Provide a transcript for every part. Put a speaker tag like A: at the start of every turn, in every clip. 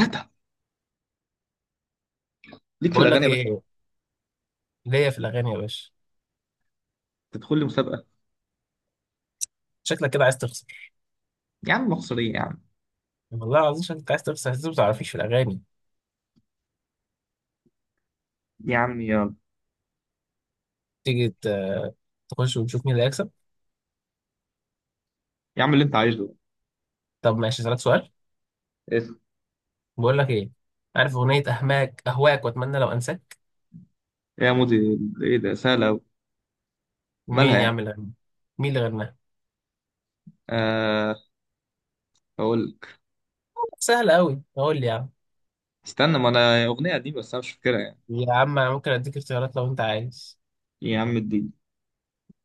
A: هاتها ليك في
B: بقول
A: الاغاني
B: لك
A: يا باشا.
B: ايه؟ ليا في الاغاني يا باشا.
A: تدخل لي مسابقه.
B: شكلك كده عايز تخسر.
A: يا عم مصريه يا عم.
B: والله العظيم شكلك عايز تخسر، انت ما تعرفيش في الاغاني.
A: يا عم يا.
B: تيجي تخش وتشوف مين اللي هيكسب.
A: يا عم اللي انت عايزه.
B: طب ماشي، اسالك سؤال.
A: ايه إيه.
B: بقول لك ايه؟ عارف اغنيه اهماك اهواك واتمنى لو انساك؟
A: يا مودي، ايه ده سهله أوي. مالها
B: مين يا
A: يعني؟
B: عم اللي غناها؟ مين اللي غناها؟
A: آه، اقول لك.
B: سهله قوي، قول لي يا عم.
A: استنى، ما انا اغنيه قديمه بس انا مش فاكرها يعني.
B: يا عم انا ممكن اديك اختيارات لو انت عايز.
A: يا عم الدين،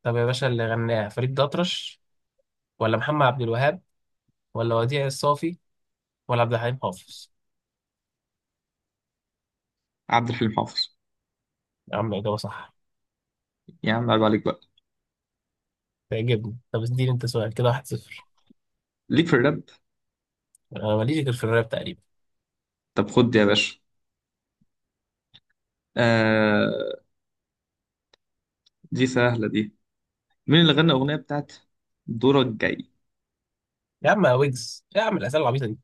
B: طب يا باشا، اللي غناها فريد الأطرش ولا محمد عبد الوهاب ولا وديع الصافي ولا عبد الحليم حافظ؟
A: عبد الحليم حافظ.
B: يا عم اجابه صح.
A: يا عم عيب عليك بقى.
B: تعجبني. طب اديني انت سؤال كده، واحد صفر.
A: ليك في الراب؟
B: انا ماليش غير في الراب تقريبا.
A: طب خد دي يا باشا. آه، دي سهله دي. مين اللي غنى الاغنيه بتاعت؟ دورك جاي.
B: يا عم يا ويجز، إيه يا عم الاسئله العبيطه دي؟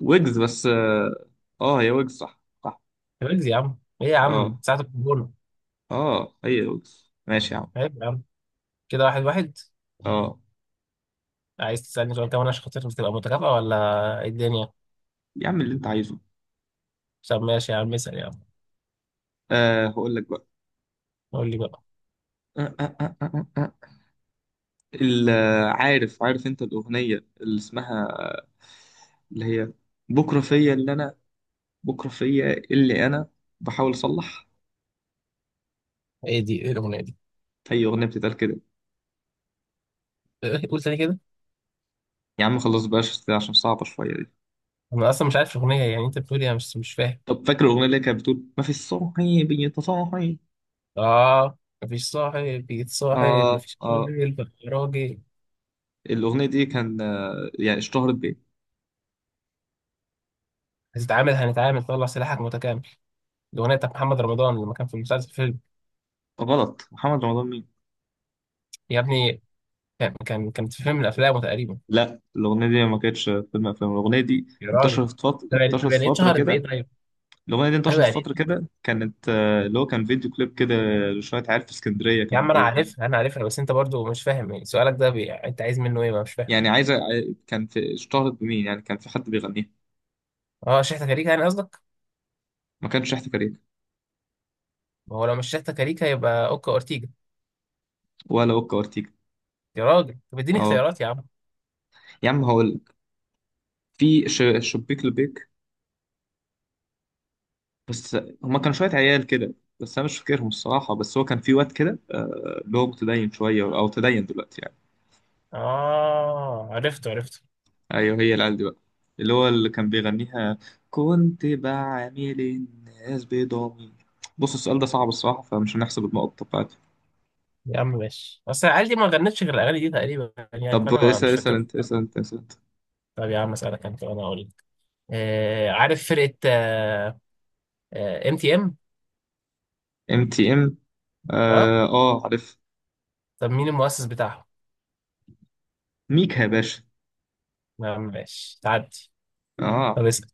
A: ويجز بس هي ويجز، صح صح.
B: يا ويجز يا عم، ايه يا عم،
A: اه
B: ساعه الكورونا؟
A: اه، هي ويجز ماشي يا عم.
B: عيب يا عم. كده واحد واحد.
A: اه،
B: عايز تسالني سؤال كمان عشان خاطر تبقى متكافئه ولا ايه الدنيا؟
A: يا عم اللي انت عايزه.
B: طب ماشي يا عم، اسال يا عم.
A: هقول لك بقى.
B: قول لي بقى.
A: آه آه آه آه آه. آه. ال- عارف، عارف انت، الأغنية اللي اسمها، اللي هي بكرة فيا اللي أنا بكرة فيا اللي أنا بحاول أصلح.
B: ايه دي؟ ايه الاغنيه دي؟
A: هي أغنية بتتقال كده.
B: قول تاني كده.
A: يا عم خلاص بقاش عشان صعبة شوية دي.
B: انا اصلا مش عارف الاغنيه، يعني انت بتقول ايه؟ مش فاهم.
A: طب فاكر الأغنية اللي كانت بتقول ما في الصاحي بيتصاحي؟
B: اه. مفيش صاحب يتصاحب،
A: آه
B: مفيش
A: آه
B: راجل بقى راجل.
A: الأغنية دي كان يعني اشتهرت بإيه؟
B: هتتعامل هنتعامل طلع سلاحك متكامل. الاغنيه بتاعت محمد رمضان، لما كان في المسلسل فيلم.
A: غلط، محمد رمضان مين؟
B: يا ابني، كانت في فيلم من افلامه تقريبا.
A: لا، الأغنية دي ما كانتش فيلم أفلام. الأغنية دي
B: يا راجل.
A: انتشرت فترة،
B: طب يعني، طب يعني إيه اتشهرت بايه طيب؟ ايوه
A: انتشرت
B: يعني
A: فترة
B: إيه؟
A: كده، كانت اللي هو كان فيديو كليب كده لشوية عيال في اسكندرية
B: يا
A: كانوا
B: عم انا
A: بيغنوا.
B: عارفها انا عارفها، بس انت برضو مش فاهم يعني. سؤالك ده انت عايز منه ايه؟ ما مش فاهم.
A: يعني كان في، اشتهرت بمين يعني؟ كان في حد بيغنيها؟
B: اه، شحتة كاريكا يعني قصدك؟
A: ما كانش شحت كارير،
B: ما هو لو مش شحتة كاريكا يبقى اوكا اورتيجا.
A: ولا وكا وارتيجا.
B: يا راجل، طب اديني
A: اه
B: اختيارات يا عم.
A: يا عم هقول لك، في شبيك لبيك بس. هما كانوا شوية عيال كده، بس أنا مش فاكرهم الصراحة. بس هو كان في واد كده اللي هو متدين شوية أو تدين دلوقتي يعني.
B: اه عرفته عرفته.
A: ايوه، هي العيال دي بقى اللي هو كان بيغنيها. كنت بعامل الناس بضمير. بص السؤال ده صعب الصراحه، فمش هنحسب النقط بتاعته.
B: يا عم ماشي، اصل العيال دي ما غنتش غير الاغاني دي تقريبا يعني،
A: طب
B: فانا ما
A: اسال،
B: مش فاكر.
A: اسال انت.
B: طب يا عم اسالك انت وانا اقول لك. آه عارف فرقه ام تي ام؟
A: ام تي ام.
B: اه MTM؟ آه؟
A: اه عارف.
B: طب مين المؤسس بتاعهم؟
A: ميكا يا باشا.
B: يا عم ماشي، تعدي.
A: اه،
B: طب اسال.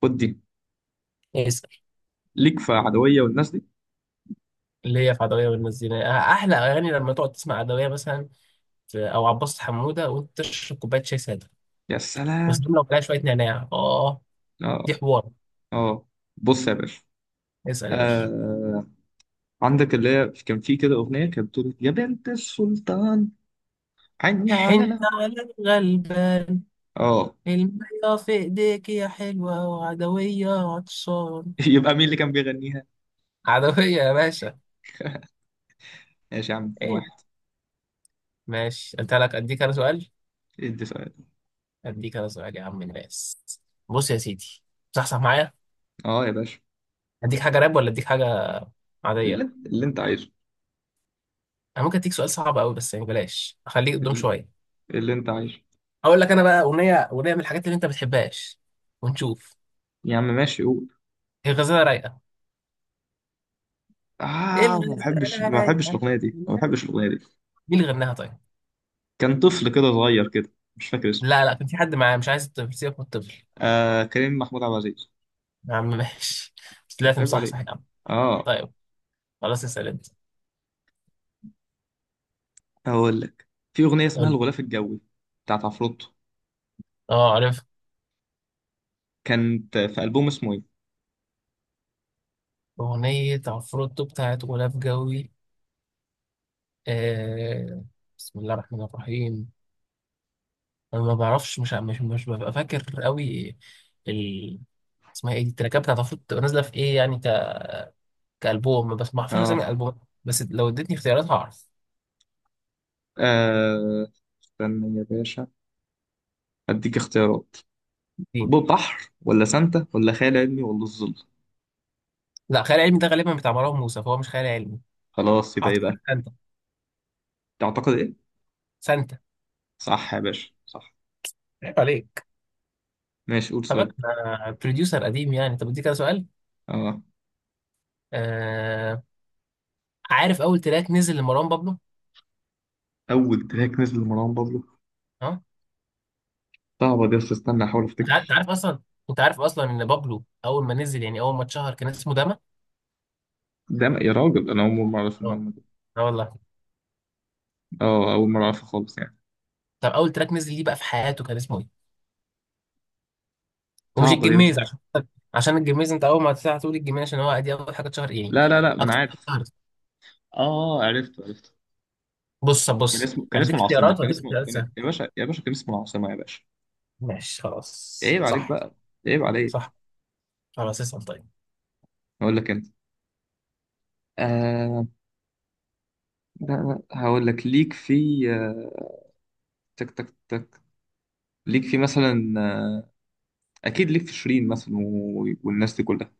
A: خد دي.
B: اسال.
A: ليك في عدويه والناس دي؟
B: ليا في عدوية والمزينة، آه، أحلى أغاني لما تقعد تسمع عدوية مثلا، أو عباس حمودة، وأنت تشرب كوباية شاي سادة
A: يا سلام.
B: وسلم لو عليها شوية نعناع آه.
A: اه
B: دي حوار.
A: اه، بص يا باشا.
B: اسأل يا باشا.
A: آه، عندك اللي هي كان في كده اغنيه كانت بتقول يا بنت السلطان، عيني
B: حنت
A: على.
B: على الغلبان.
A: اه.
B: المية في إيديك يا حلوة وعدوية عطشان.
A: يبقى مين اللي كان بيغنيها؟
B: عدوية يا باشا.
A: ماشي يا عم 2.
B: إيه؟ ماشي أنت لك، أديك أنا سؤال.
A: ادي سؤال.
B: أديك أنا سؤال يا عم الناس. بص يا سيدي، صحصح معايا.
A: اه يا باشا،
B: أديك حاجة راب ولا أديك حاجة
A: اللي,
B: عادية؟
A: اللي انت عايزه.
B: أنا ممكن أديك سؤال صعب أوي، بس يعني بلاش أخليك قدام
A: اللي,
B: شوية.
A: اللي انت عايزه.
B: هقول لك انا بقى اغنيه، اغنيه من الحاجات اللي انت ما بتحبهاش، ونشوف.
A: يا عم ماشي قول.
B: هي غزاله رايقه. ايه
A: اه، ما بحبش،
B: الغزاله رايقه؟
A: ما
B: مين
A: بحبش الاغنيه دي.
B: اللي غناها طيب؟
A: كان طفل كده صغير كده مش فاكر اسمه.
B: لا لا، كان في حد معاه، مش عايز الطفل، سيبك من الطفل.
A: آه، كريم محمود عبد العزيز.
B: يا عم ماشي بس طلعت
A: عيب
B: مصحصح
A: عليك.
B: يا عم.
A: اه،
B: طيب، خلاص اسال انت.
A: هقول لك. في اغنيه اسمها
B: قول لي.
A: الغلاف الجوي بتاعت عفروتو.
B: اه عارف،
A: كانت في البوم اسمه ايه؟
B: اغنيه عفروتو بتاعت غلاف جوي؟ آه. بسم الله الرحمن الرحيم. انا ما بعرفش، مش ببقى فاكر قوي. ال، اسمها ايه دي؟ التراكات بتاعت عفروتو بتبقى نازله في ايه يعني كألبوم؟ بس ما اعرفش اسامي
A: اه,
B: الألبوم، بس لو اديتني اختيارات هعرف.
A: آه. استنى يا باشا، اديك اختيارات.
B: اتنين.
A: بحر ولا سانتا ولا خيال علمي ولا الظل؟
B: لا، خيال علمي ده غالبا بتاع مروان موسى، فهو مش خيال علمي.
A: خلاص، يبقى
B: اعتقد
A: يبقى
B: سانتا.
A: تعتقد ايه؟
B: سانتا.
A: صح يا باشا، صح.
B: عيب عليك.
A: ماشي، قول
B: خلي بالك
A: سؤال.
B: انا بروديوسر قديم يعني. طب اديك كده سؤال.
A: اه،
B: آه... عارف اول تراك نزل لمروان بابلو؟
A: اول تراك نزل لمروان بابلو.
B: ها.
A: صعبة دي، بس استنى احاول
B: انت عارف، أنت
A: افتكر.
B: عارف اصلا. انت عارف اصلا ان بابلو اول ما نزل، يعني اول ما اتشهر كان اسمه داما.
A: يا راجل، انا اول مرة اعرف
B: اه.
A: المعلومة دي.
B: اه والله.
A: اه، اول مرة اعرفها خالص يعني.
B: طب اول تراك نزل ليه بقى في حياته كان اسمه ايه؟ ومش
A: صعبة دي بس.
B: الجميز، عشان، عشان الجميز انت اول ما هتقول الجميز عشان هو دي اول حاجه اتشهر يعني
A: لا لا لا، ما انا
B: اكتر.
A: عارف. اه، عرفت عرفت.
B: بص
A: كان
B: بص،
A: اسمه كان
B: انا
A: اسمه
B: اديك
A: العاصمة
B: اختيارات،
A: كان
B: واديك
A: اسمه
B: اختيارات
A: كان...
B: سهله.
A: يا باشا يا باشا، كان اسمه العاصمة يا باشا.
B: ماشي خلاص،
A: عيب عليك
B: صح
A: بقى. عيب عليك.
B: صح. خلاص اسال طيب.
A: اقول لك انت. آه لا لا هقول لك. ليك في آه، تك تك تك ليك في مثلا اكيد ليك في شيرين مثلا والناس دي كلها.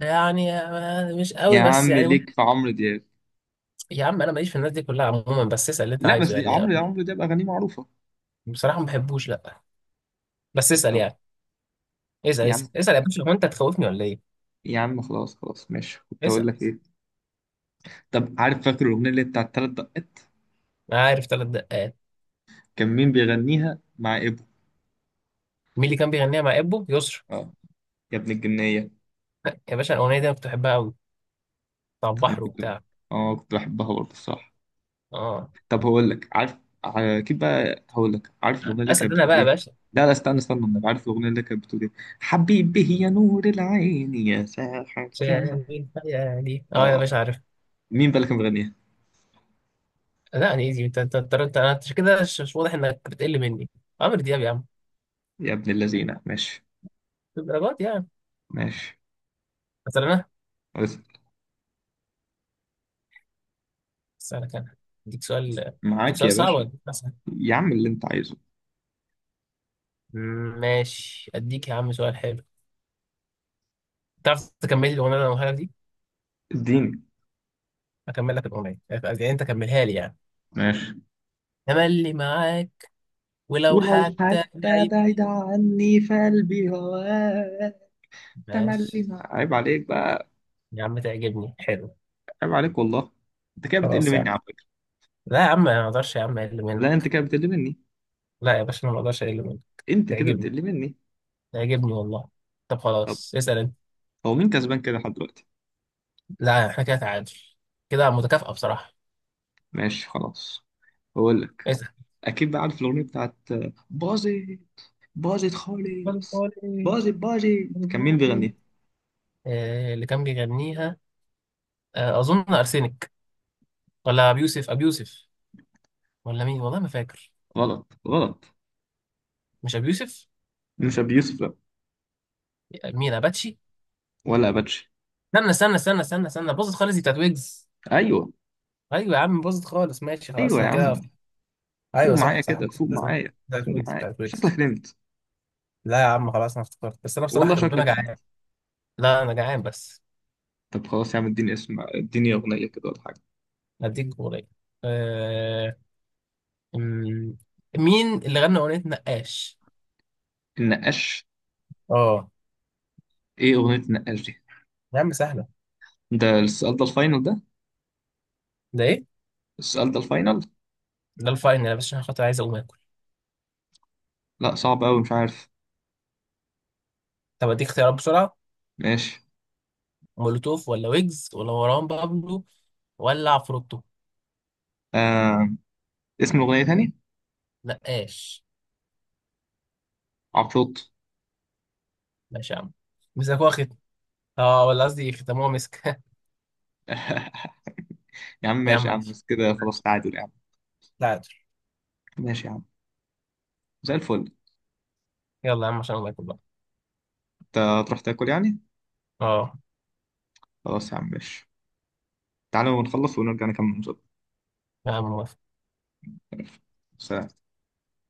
B: يعني آه، مش
A: يا
B: قوي، بس
A: عم ليك في عمرو دياب.
B: يا عم انا ماليش في الناس دي كلها عموما، بس اسال اللي انت
A: لا بس
B: عايزه
A: دي
B: يعني. أنا
A: عمرو، يا عمرو ده بأغانيه معروفة.
B: بصراحه ما بحبوش، لا، بس اسال
A: طب،
B: يعني. اسال
A: يا
B: اسال
A: عم
B: اسال يا باشا، هو انت تخوفني ولا ايه؟
A: يا عم خلاص ماشي. كنت هقول
B: اسال.
A: لك ايه؟ طب، عارف، فاكر الأغنية اللي بتاعت تلات دقات؟
B: انا عارف ثلاث دقات.
A: كان مين بيغنيها مع إبو؟
B: مين اللي كان بيغنيها مع ابو يسرا؟
A: اه، يا ابن الجنية.
B: يا باشا الاغنيه دي انا كنت بحبها قوي، بتاع
A: أنا
B: البحر
A: كنت،
B: وبتاع.
A: اه كنت بحبها برضه الصراحة.
B: اه.
A: طب هقول لك، عارف، ع- كده بقى هقول لك، عارف الأغنية اللي
B: اسال
A: كانت
B: انا
A: بتقول
B: بقى يا
A: ايه؟
B: باشا.
A: لا لا، استنى أنا عارف الأغنية اللي كانت بتقول ايه. حبيبي يا نور العين يا ساحر كمان
B: شايف خيالي، اه يا
A: اه.
B: باشا عارف.
A: مين بقى اللي كان بيغنيها؟
B: لا انا ايزي، انت انت انت انت أنت كده، مش واضح انك بتقل مني. عمرو دياب يا عم.
A: يا ابن اللذينة، ماشي.
B: في الدرجات يعني.
A: ماشي،
B: مثلا انا اسالك انا، اديك سؤال، اديك
A: معاك يا
B: سؤال صعب ولا
A: باشا.
B: إيه؟ مثلا
A: يا عم اللي انت عايزه.
B: ماشي، اديك يا عم سؤال حلو. تعرف تكمل لي الاغنيه اللي انا هقولها لك دي؟
A: اديني.
B: اكمل لك الاغنيه، يعني انت كملها لي يعني.
A: ماشي.
B: تملي معاك، ولو
A: ولو
B: حتى
A: حتى
B: بعيد.
A: بعيد عني فقلبي هواك. تملي،
B: ماشي
A: عيب عليك بقى.
B: يا عم، تعجبني حلو.
A: عيب عليك والله. انت كده بتقل
B: خلاص يا
A: مني
B: عم.
A: على فكرة.
B: لا يا عم، ما اقدرش يا عم اقل
A: لا انت
B: منك.
A: كده بتقل مني.
B: لا يا باشا، انا ما اقدرش اقل منك.
A: انت كده
B: تعجبني،
A: بتقل مني.
B: تعجبني والله. طب
A: طب
B: خلاص، اسال انت.
A: هو مين كسبان كده لحد دلوقتي؟
B: لا احنا كده تعادل. كده متكافئة بصراحة.
A: ماشي خلاص. بقول لك،
B: اسأل.
A: اكيد بقى عارف الاغنية بتاعت باظت، باظت
B: خد
A: خالص،
B: خالص.
A: باظت
B: خد
A: باظت كان مين
B: خالص.
A: بيغني؟
B: آه، اللي كان بيغنيها آه، أظن أرسنك، ولا أبي يوسف، أبي يوسف، ولا مين، والله ما فاكر.
A: غلط غلط،
B: مش أبي يوسف.
A: مش ابي يوسف لا،
B: مين، أباتشي؟
A: ولا اباتشي.
B: استنى استنى استنى استنى استنى، باظت خالص دي بتاعت ويجز.
A: ايوه.
B: أيوة يا عم، باظت خالص. ماشي خلاص،
A: ايوه يا
B: أنا كده.
A: عم. فوق
B: أيوة
A: معايا
B: صح صح.
A: كده، فوق معايا
B: بتاعت
A: فوق
B: ويجز،
A: معايا
B: بتاعت ويجز.
A: شكلك نمت.
B: لا يا عم خلاص، أنا افتكرت، بس أنا بصراحة
A: والله
B: ربنا
A: شكلك
B: جعان.
A: نمت.
B: لا أنا جعان بس.
A: طب خلاص يا عم، اديني اسم، اديني اغنيه كده ولا حاجه.
B: هديك جمهورية. أمم، مين اللي غنى اغنيه نقاش؟
A: النقاش؟
B: اه.
A: ايه اغنيه النقاش دي؟
B: يا عم سهله.
A: ده السؤال ده الفاينل ده؟
B: ده ايه؟
A: السؤال ده الفاينل؟
B: ده الفاينل يا باشا، عشان خاطر عايز اقوم اكل.
A: لا صعب قوي، مش عارف.
B: طب اديك اختيارات بسرعه.
A: ماشي.
B: مولوتوف ولا ويجز ولا مروان بابلو ولا عفروتو؟
A: آه... اسم الاغنيه تاني؟
B: نقاش.
A: عفروت.
B: ماشي يا عم. مسكوها ختم. اه، ولا قصدي ختموها مسك
A: يا عم
B: يا عم
A: ماشي، يا عم
B: ماشي.
A: بس كده خلاص تعادل يا عم.
B: لا عادي.
A: ماشي يا عم، زي الفل.
B: يلا يا عم، عشان الله يكبر.
A: انت هتروح تاكل يعني؟
B: اه.
A: خلاص يا عم، ماشي. تعالوا نخلص ونرجع نكمل المسابقه.
B: يا عم.
A: سلام.